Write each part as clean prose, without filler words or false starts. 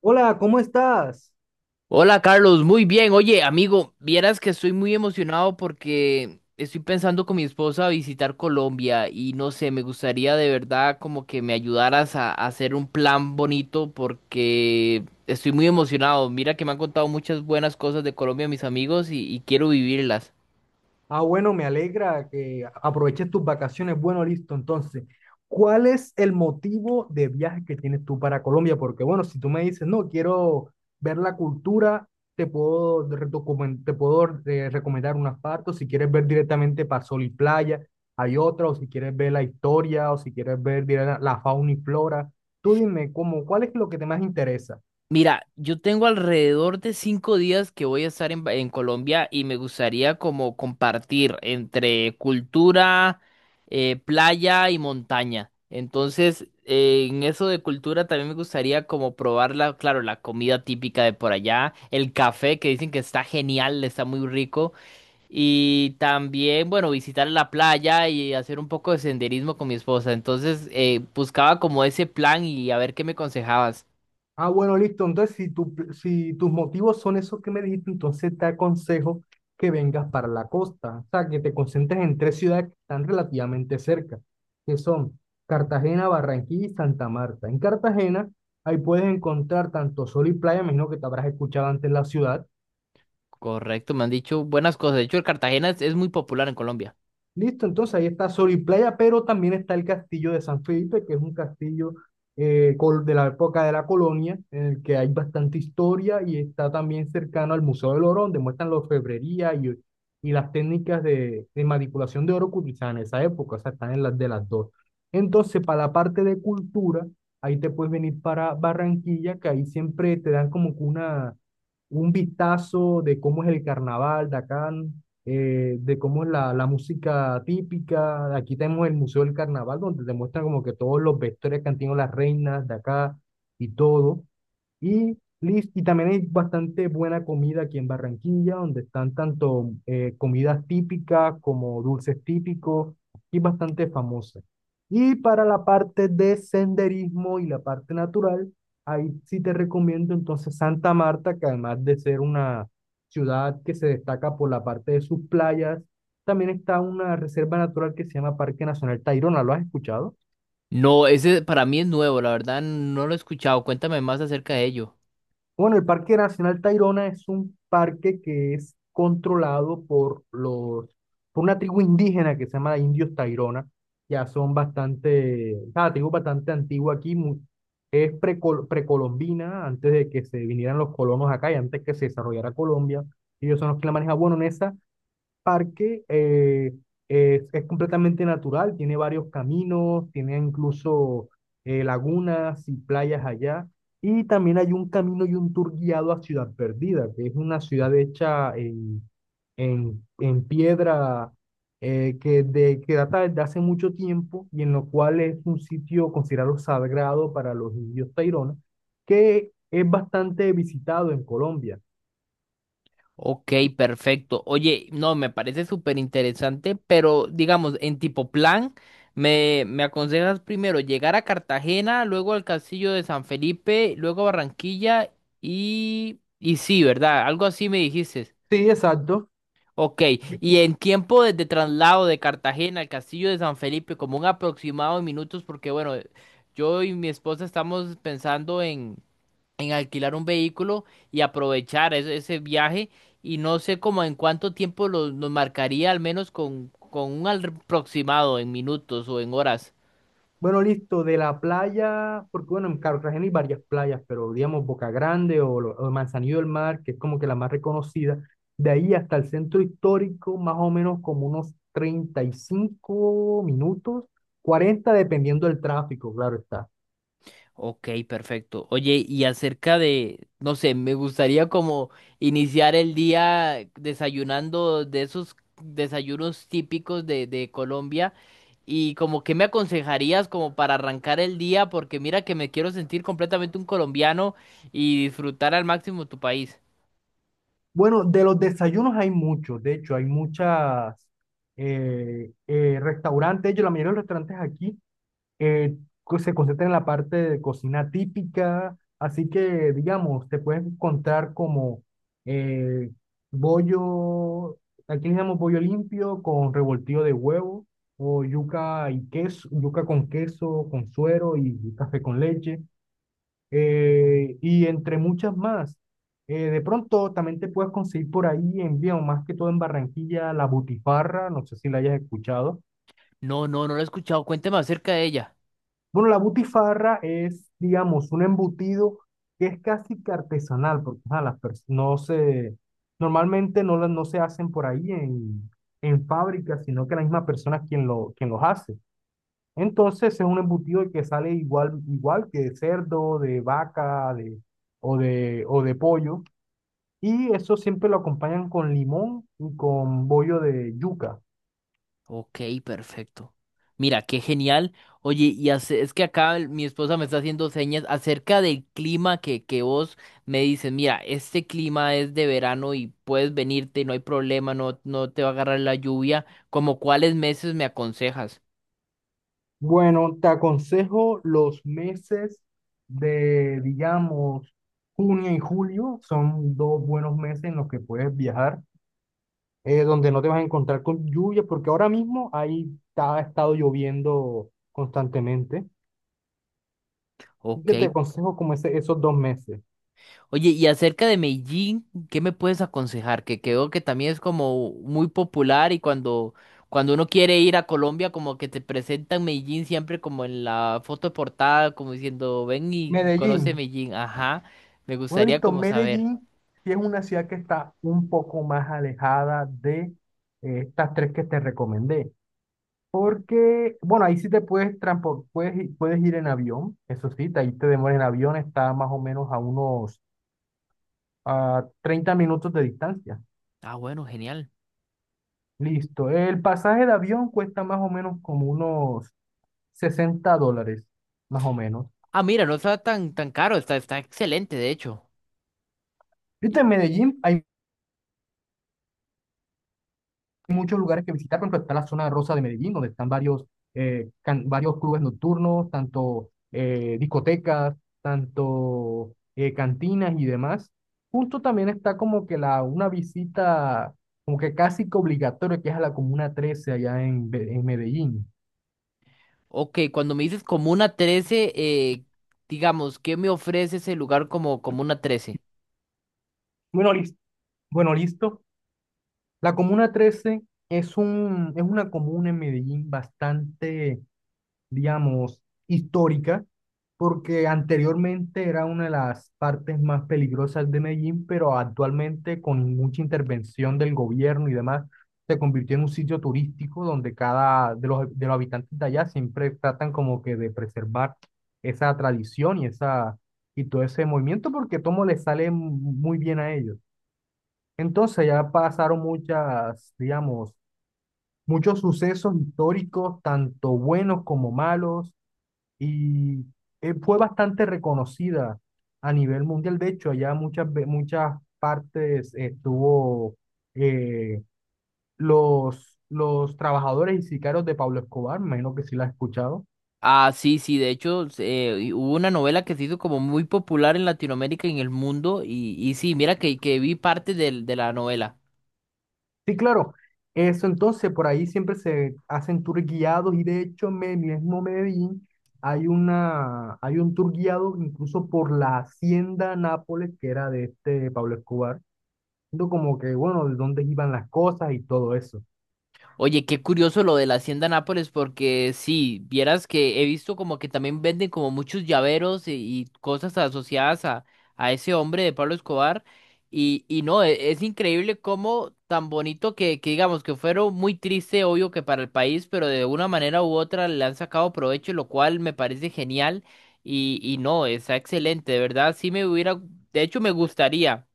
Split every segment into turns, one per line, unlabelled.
Hola, ¿cómo estás?
Hola Carlos, muy bien. Oye, amigo, vieras que estoy muy emocionado porque estoy pensando con mi esposa visitar Colombia y no sé, me gustaría de verdad como que me ayudaras a hacer un plan bonito porque estoy muy emocionado. Mira que me han contado muchas buenas cosas de Colombia mis amigos y quiero vivirlas.
Ah, bueno, me alegra que aproveches tus vacaciones. Bueno, listo. Entonces, ¿cuál es el motivo de viaje que tienes tú para Colombia? Porque, bueno, si tú me dices, no, quiero ver la cultura, te puedo recomendar unas partes. Si quieres ver directamente para sol y playa, hay otra. O si quieres ver la historia, o si quieres ver la fauna y flora. Tú dime, ¿ cuál es lo que te más interesa?
Mira, yo tengo alrededor de 5 días que voy a estar en Colombia y me gustaría como compartir entre cultura, playa y montaña. Entonces, en eso de cultura también me gustaría como probar la, claro, la comida típica de por allá, el café que dicen que está genial, está muy rico. Y también, bueno, visitar la playa y hacer un poco de senderismo con mi esposa. Entonces, buscaba como ese plan y a ver qué me aconsejabas.
Ah, bueno, listo. Entonces, si tus motivos son esos que me dijiste, entonces te aconsejo que vengas para la costa. O sea, que te concentres en tres ciudades que están relativamente cerca, que son Cartagena, Barranquilla y Santa Marta. En Cartagena, ahí puedes encontrar tanto sol y playa, me imagino que te habrás escuchado antes la ciudad.
Correcto, me han dicho buenas cosas. De hecho, el Cartagena es muy popular en Colombia.
Listo, entonces ahí está Sol y Playa, pero también está el castillo de San Felipe, que es un castillo de la época de la colonia, en el que hay bastante historia y está también cercano al Museo del Oro, donde muestran la orfebrería y las técnicas de manipulación de oro que utilizaban en esa época, o sea, están en las de las dos. Entonces, para la parte de cultura, ahí te puedes venir para Barranquilla, que ahí siempre te dan como que una un vistazo de cómo es el carnaval de acá, de cómo es la música típica. Aquí tenemos el Museo del Carnaval, donde te muestran como que todos los vestuarios que han tenido las reinas de acá y todo. Y y también hay bastante buena comida aquí en Barranquilla, donde están tanto comidas típicas como dulces típicos y bastante famosas. Y para la parte de senderismo y la parte natural, ahí sí te recomiendo entonces Santa Marta, que además de ser una ciudad que se destaca por la parte de sus playas, también está una reserva natural que se llama Parque Nacional Tayrona. ¿Lo has escuchado?
No, ese para mí es nuevo, la verdad no lo he escuchado. Cuéntame más acerca de ello.
Bueno, el Parque Nacional Tayrona es un parque que es controlado por una tribu indígena que se llama Indios Tayrona. Ya son bastante, ah, tribu bastante antigua aquí, es precolombina, antes de que se vinieran los colonos acá y antes que se desarrollara Colombia. Ellos son los que la manejan. Bueno, en esa parque es completamente natural, tiene varios caminos, tiene incluso lagunas y playas allá. Y también hay un camino y un tour guiado a Ciudad Perdida, que es una ciudad hecha en piedra que data desde hace mucho tiempo y en lo cual es un sitio considerado sagrado para los indios taironas, que es bastante visitado en Colombia.
Ok, perfecto. Oye, no, me parece súper interesante, pero digamos, en tipo plan, me aconsejas primero llegar a Cartagena, luego al Castillo de San Felipe, luego a Barranquilla y sí, ¿verdad? Algo así me dijiste.
Sí, exacto.
Ok, y en tiempo de traslado de Cartagena al Castillo de San Felipe, como un aproximado de minutos, porque bueno, yo y mi esposa estamos pensando en, alquilar un vehículo y aprovechar ese viaje, y no sé cómo en cuánto tiempo nos marcaría, al menos con un aproximado en minutos o en horas.
Bueno, listo, de la playa, porque bueno, en Cartagena hay varias playas, pero digamos Boca Grande o Manzanillo del Mar, que es como que la más reconocida, de ahí hasta el centro histórico, más o menos como unos 35 minutos, 40 dependiendo del tráfico, claro está.
Ok, perfecto. Oye, y acerca de, no sé, me gustaría como iniciar el día desayunando de esos desayunos típicos de Colombia y como que me aconsejarías como para arrancar el día, porque mira que me quiero sentir completamente un colombiano y disfrutar al máximo tu país.
Bueno, de los desayunos hay muchos, de hecho, hay muchas restaurantes, de hecho, la mayoría de los restaurantes aquí eh, se concentra en la parte de cocina típica, así que, digamos, te puedes encontrar como eh, bollo, aquí le llamamos bollo limpio con revoltillo de huevo, o yuca y queso, yuca con queso, con suero y café con leche, y entre muchas más. De pronto también te puedes conseguir por ahí en Vía, más que todo en Barranquilla, la butifarra, no sé si la hayas escuchado.
No, no, no lo he escuchado. Cuéntame acerca de ella.
Bueno, la butifarra es, digamos, un embutido que es casi que artesanal, porque ajá, no se, normalmente no, no se hacen por ahí en fábricas, sino que la misma persona es quien los hace. Entonces es un embutido que sale igual, igual que de cerdo, de vaca, o de pollo, y eso siempre lo acompañan con limón y con bollo de yuca.
Ok, perfecto. Mira, qué genial. Oye, y es que acá mi esposa me está haciendo señas acerca del clima que vos me dices, mira, este clima es de verano y puedes venirte, no hay problema, no, no te va a agarrar la lluvia. ¿Como cuáles meses me aconsejas?
Bueno, te aconsejo los meses de, digamos, junio y julio. Son dos buenos meses en los que puedes viajar, donde no te vas a encontrar con lluvia, porque ahora mismo ha estado lloviendo constantemente. Así
Ok.
que te aconsejo como esos dos meses.
Oye, y acerca de Medellín, ¿qué me puedes aconsejar? Que creo que también es como muy popular y cuando uno quiere ir a Colombia, como que te presentan Medellín siempre como en la foto de portada, como diciendo, ven y
Medellín.
conoce Medellín. Ajá, me
Bueno,
gustaría
listo.
como saber.
Medellín sí es una ciudad que está un poco más alejada de estas tres que te recomendé.
Oh,
Porque, bueno, ahí sí te puedes transpor- puedes, i- puedes ir en avión, eso sí, ahí te demoras en avión, está más o menos a unos a 30 minutos de distancia.
ah, bueno, genial.
Listo. El pasaje de avión cuesta más o menos como unos 60 dólares, más o menos.
Ah, mira, no está tan, tan caro, está excelente, de hecho.
Viste,
Y-
en Medellín hay muchos lugares que visitar, por ejemplo, está la zona rosa de Medellín, donde están varios, varios clubes nocturnos, tanto discotecas, tanto cantinas y demás. Justo también está como que una visita como que casi que obligatoria, que es a la Comuna 13 allá en Medellín.
Ok, cuando me dices Comuna 13, digamos, ¿qué me ofrece ese lugar como Comuna 13?
Bueno, listo. Bueno, listo. La Comuna 13 es una comuna en Medellín bastante digamos, histórica, porque anteriormente era una de las partes más peligrosas de Medellín, pero actualmente con mucha intervención del gobierno y demás, se convirtió en un sitio turístico donde cada de los habitantes de allá siempre tratan como que de preservar esa tradición y, esa, y todo ese movimiento porque todo les sale muy bien a ellos. Entonces ya pasaron muchas, digamos, muchos sucesos históricos, tanto buenos como malos y fue bastante reconocida a nivel mundial. De hecho, allá muchas partes estuvo eh, los trabajadores y sicarios de Pablo Escobar, me imagino que sí la has escuchado.
Ah, sí, sí, de hecho, y hubo una novela que se hizo como muy popular en Latinoamérica y en el mundo, y sí, mira que vi parte de la novela.
Sí, claro. Eso entonces, por ahí siempre se hacen tours guiados y de hecho en el mismo Medellín hay un tour guiado incluso por la hacienda Nápoles que era de este Pablo Escobar, viendo como que, bueno, de dónde iban las cosas y todo eso.
Oye, qué curioso lo de la Hacienda Nápoles, porque sí, vieras que he visto como que también venden como muchos llaveros y cosas asociadas a ese hombre de Pablo Escobar. Y no, es increíble cómo tan bonito que digamos que fueron muy triste, obvio que para el país, pero de una manera u otra le han sacado provecho, lo cual me parece genial. Y no, está excelente, de verdad, sí me hubiera, de hecho me gustaría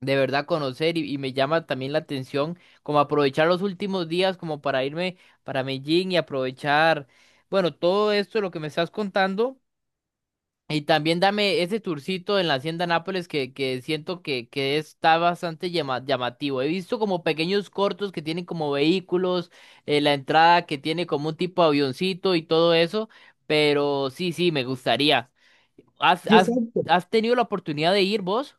de verdad conocer y me llama también la atención como aprovechar los últimos días como para irme para Medellín y aprovechar, bueno, todo esto lo que me estás contando y también dame ese tourcito en la Hacienda Nápoles que siento que está bastante llamativo. He visto como pequeños cortos que tienen como vehículos, la entrada que tiene como un tipo avioncito y todo eso, pero sí, sí, me gustaría. ¿Has,
Sí,
has,
exacto.
has tenido la oportunidad de ir vos?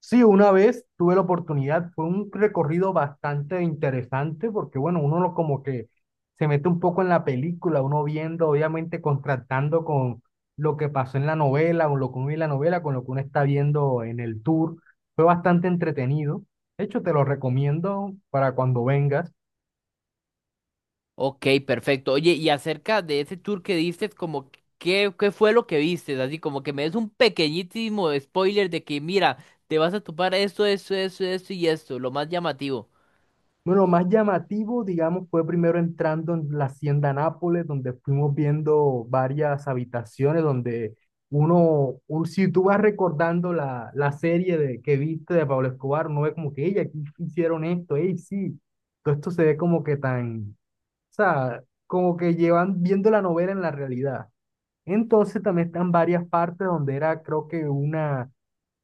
Sí, una vez tuve la oportunidad, fue un recorrido bastante interesante porque, bueno, uno lo como que se mete un poco en la película, uno viendo, obviamente, contrastando con lo que pasó en la novela, o lo que uno ve en la novela, con lo que uno está viendo en el tour. Fue bastante entretenido. De hecho, te lo recomiendo para cuando vengas.
Ok, perfecto. Oye, y acerca de ese tour que diste, como qué fue lo que viste, así como que me des un pequeñísimo spoiler de que mira, te vas a topar esto, esto, esto, esto y esto, lo más llamativo.
Bueno, lo más llamativo, digamos, fue primero entrando en la Hacienda Nápoles, donde fuimos viendo varias habitaciones, donde uno, si tú vas recordando la serie de, que viste de Pablo Escobar, uno ve como que, ella aquí hicieron esto, ey, sí, todo esto se ve como que tan, o sea, como que llevan viendo la novela en la realidad. Entonces también están varias partes donde era, creo que una,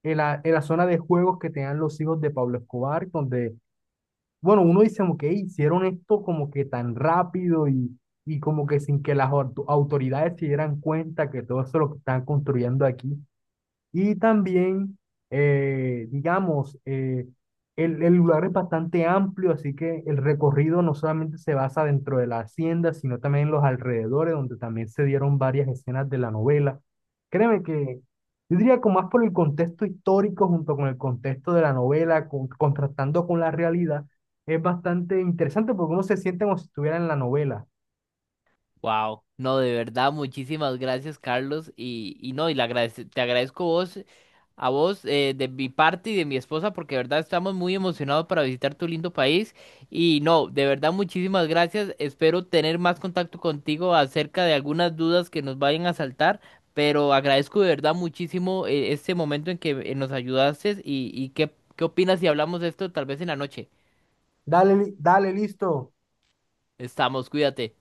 en la zona de juegos que tenían los hijos de Pablo Escobar, donde bueno, uno dice como que "Ey, hicieron esto como que tan rápido y como que sin que autoridades se dieran cuenta que todo eso es lo que están construyendo aquí. Y también, eh, digamos, eh, el lugar es bastante amplio, así que el recorrido no solamente se basa dentro de la hacienda, sino también en los alrededores, donde también se dieron varias escenas de la novela. Créeme que yo diría que más por el contexto histórico junto con el contexto de la novela, contrastando con la realidad, es bastante interesante porque uno se siente como si estuviera en la novela.
Wow, no, de verdad, muchísimas gracias, Carlos. Y no, te agradezco vos, a vos, de mi parte y de mi esposa, porque de verdad estamos muy emocionados para visitar tu lindo país. Y no, de verdad, muchísimas gracias. Espero tener más contacto contigo acerca de algunas dudas que nos vayan a saltar, pero agradezco de verdad muchísimo, este momento en que nos ayudaste. Y qué opinas si hablamos de esto tal vez en la noche.
Dale, dale, listo.
Estamos, cuídate.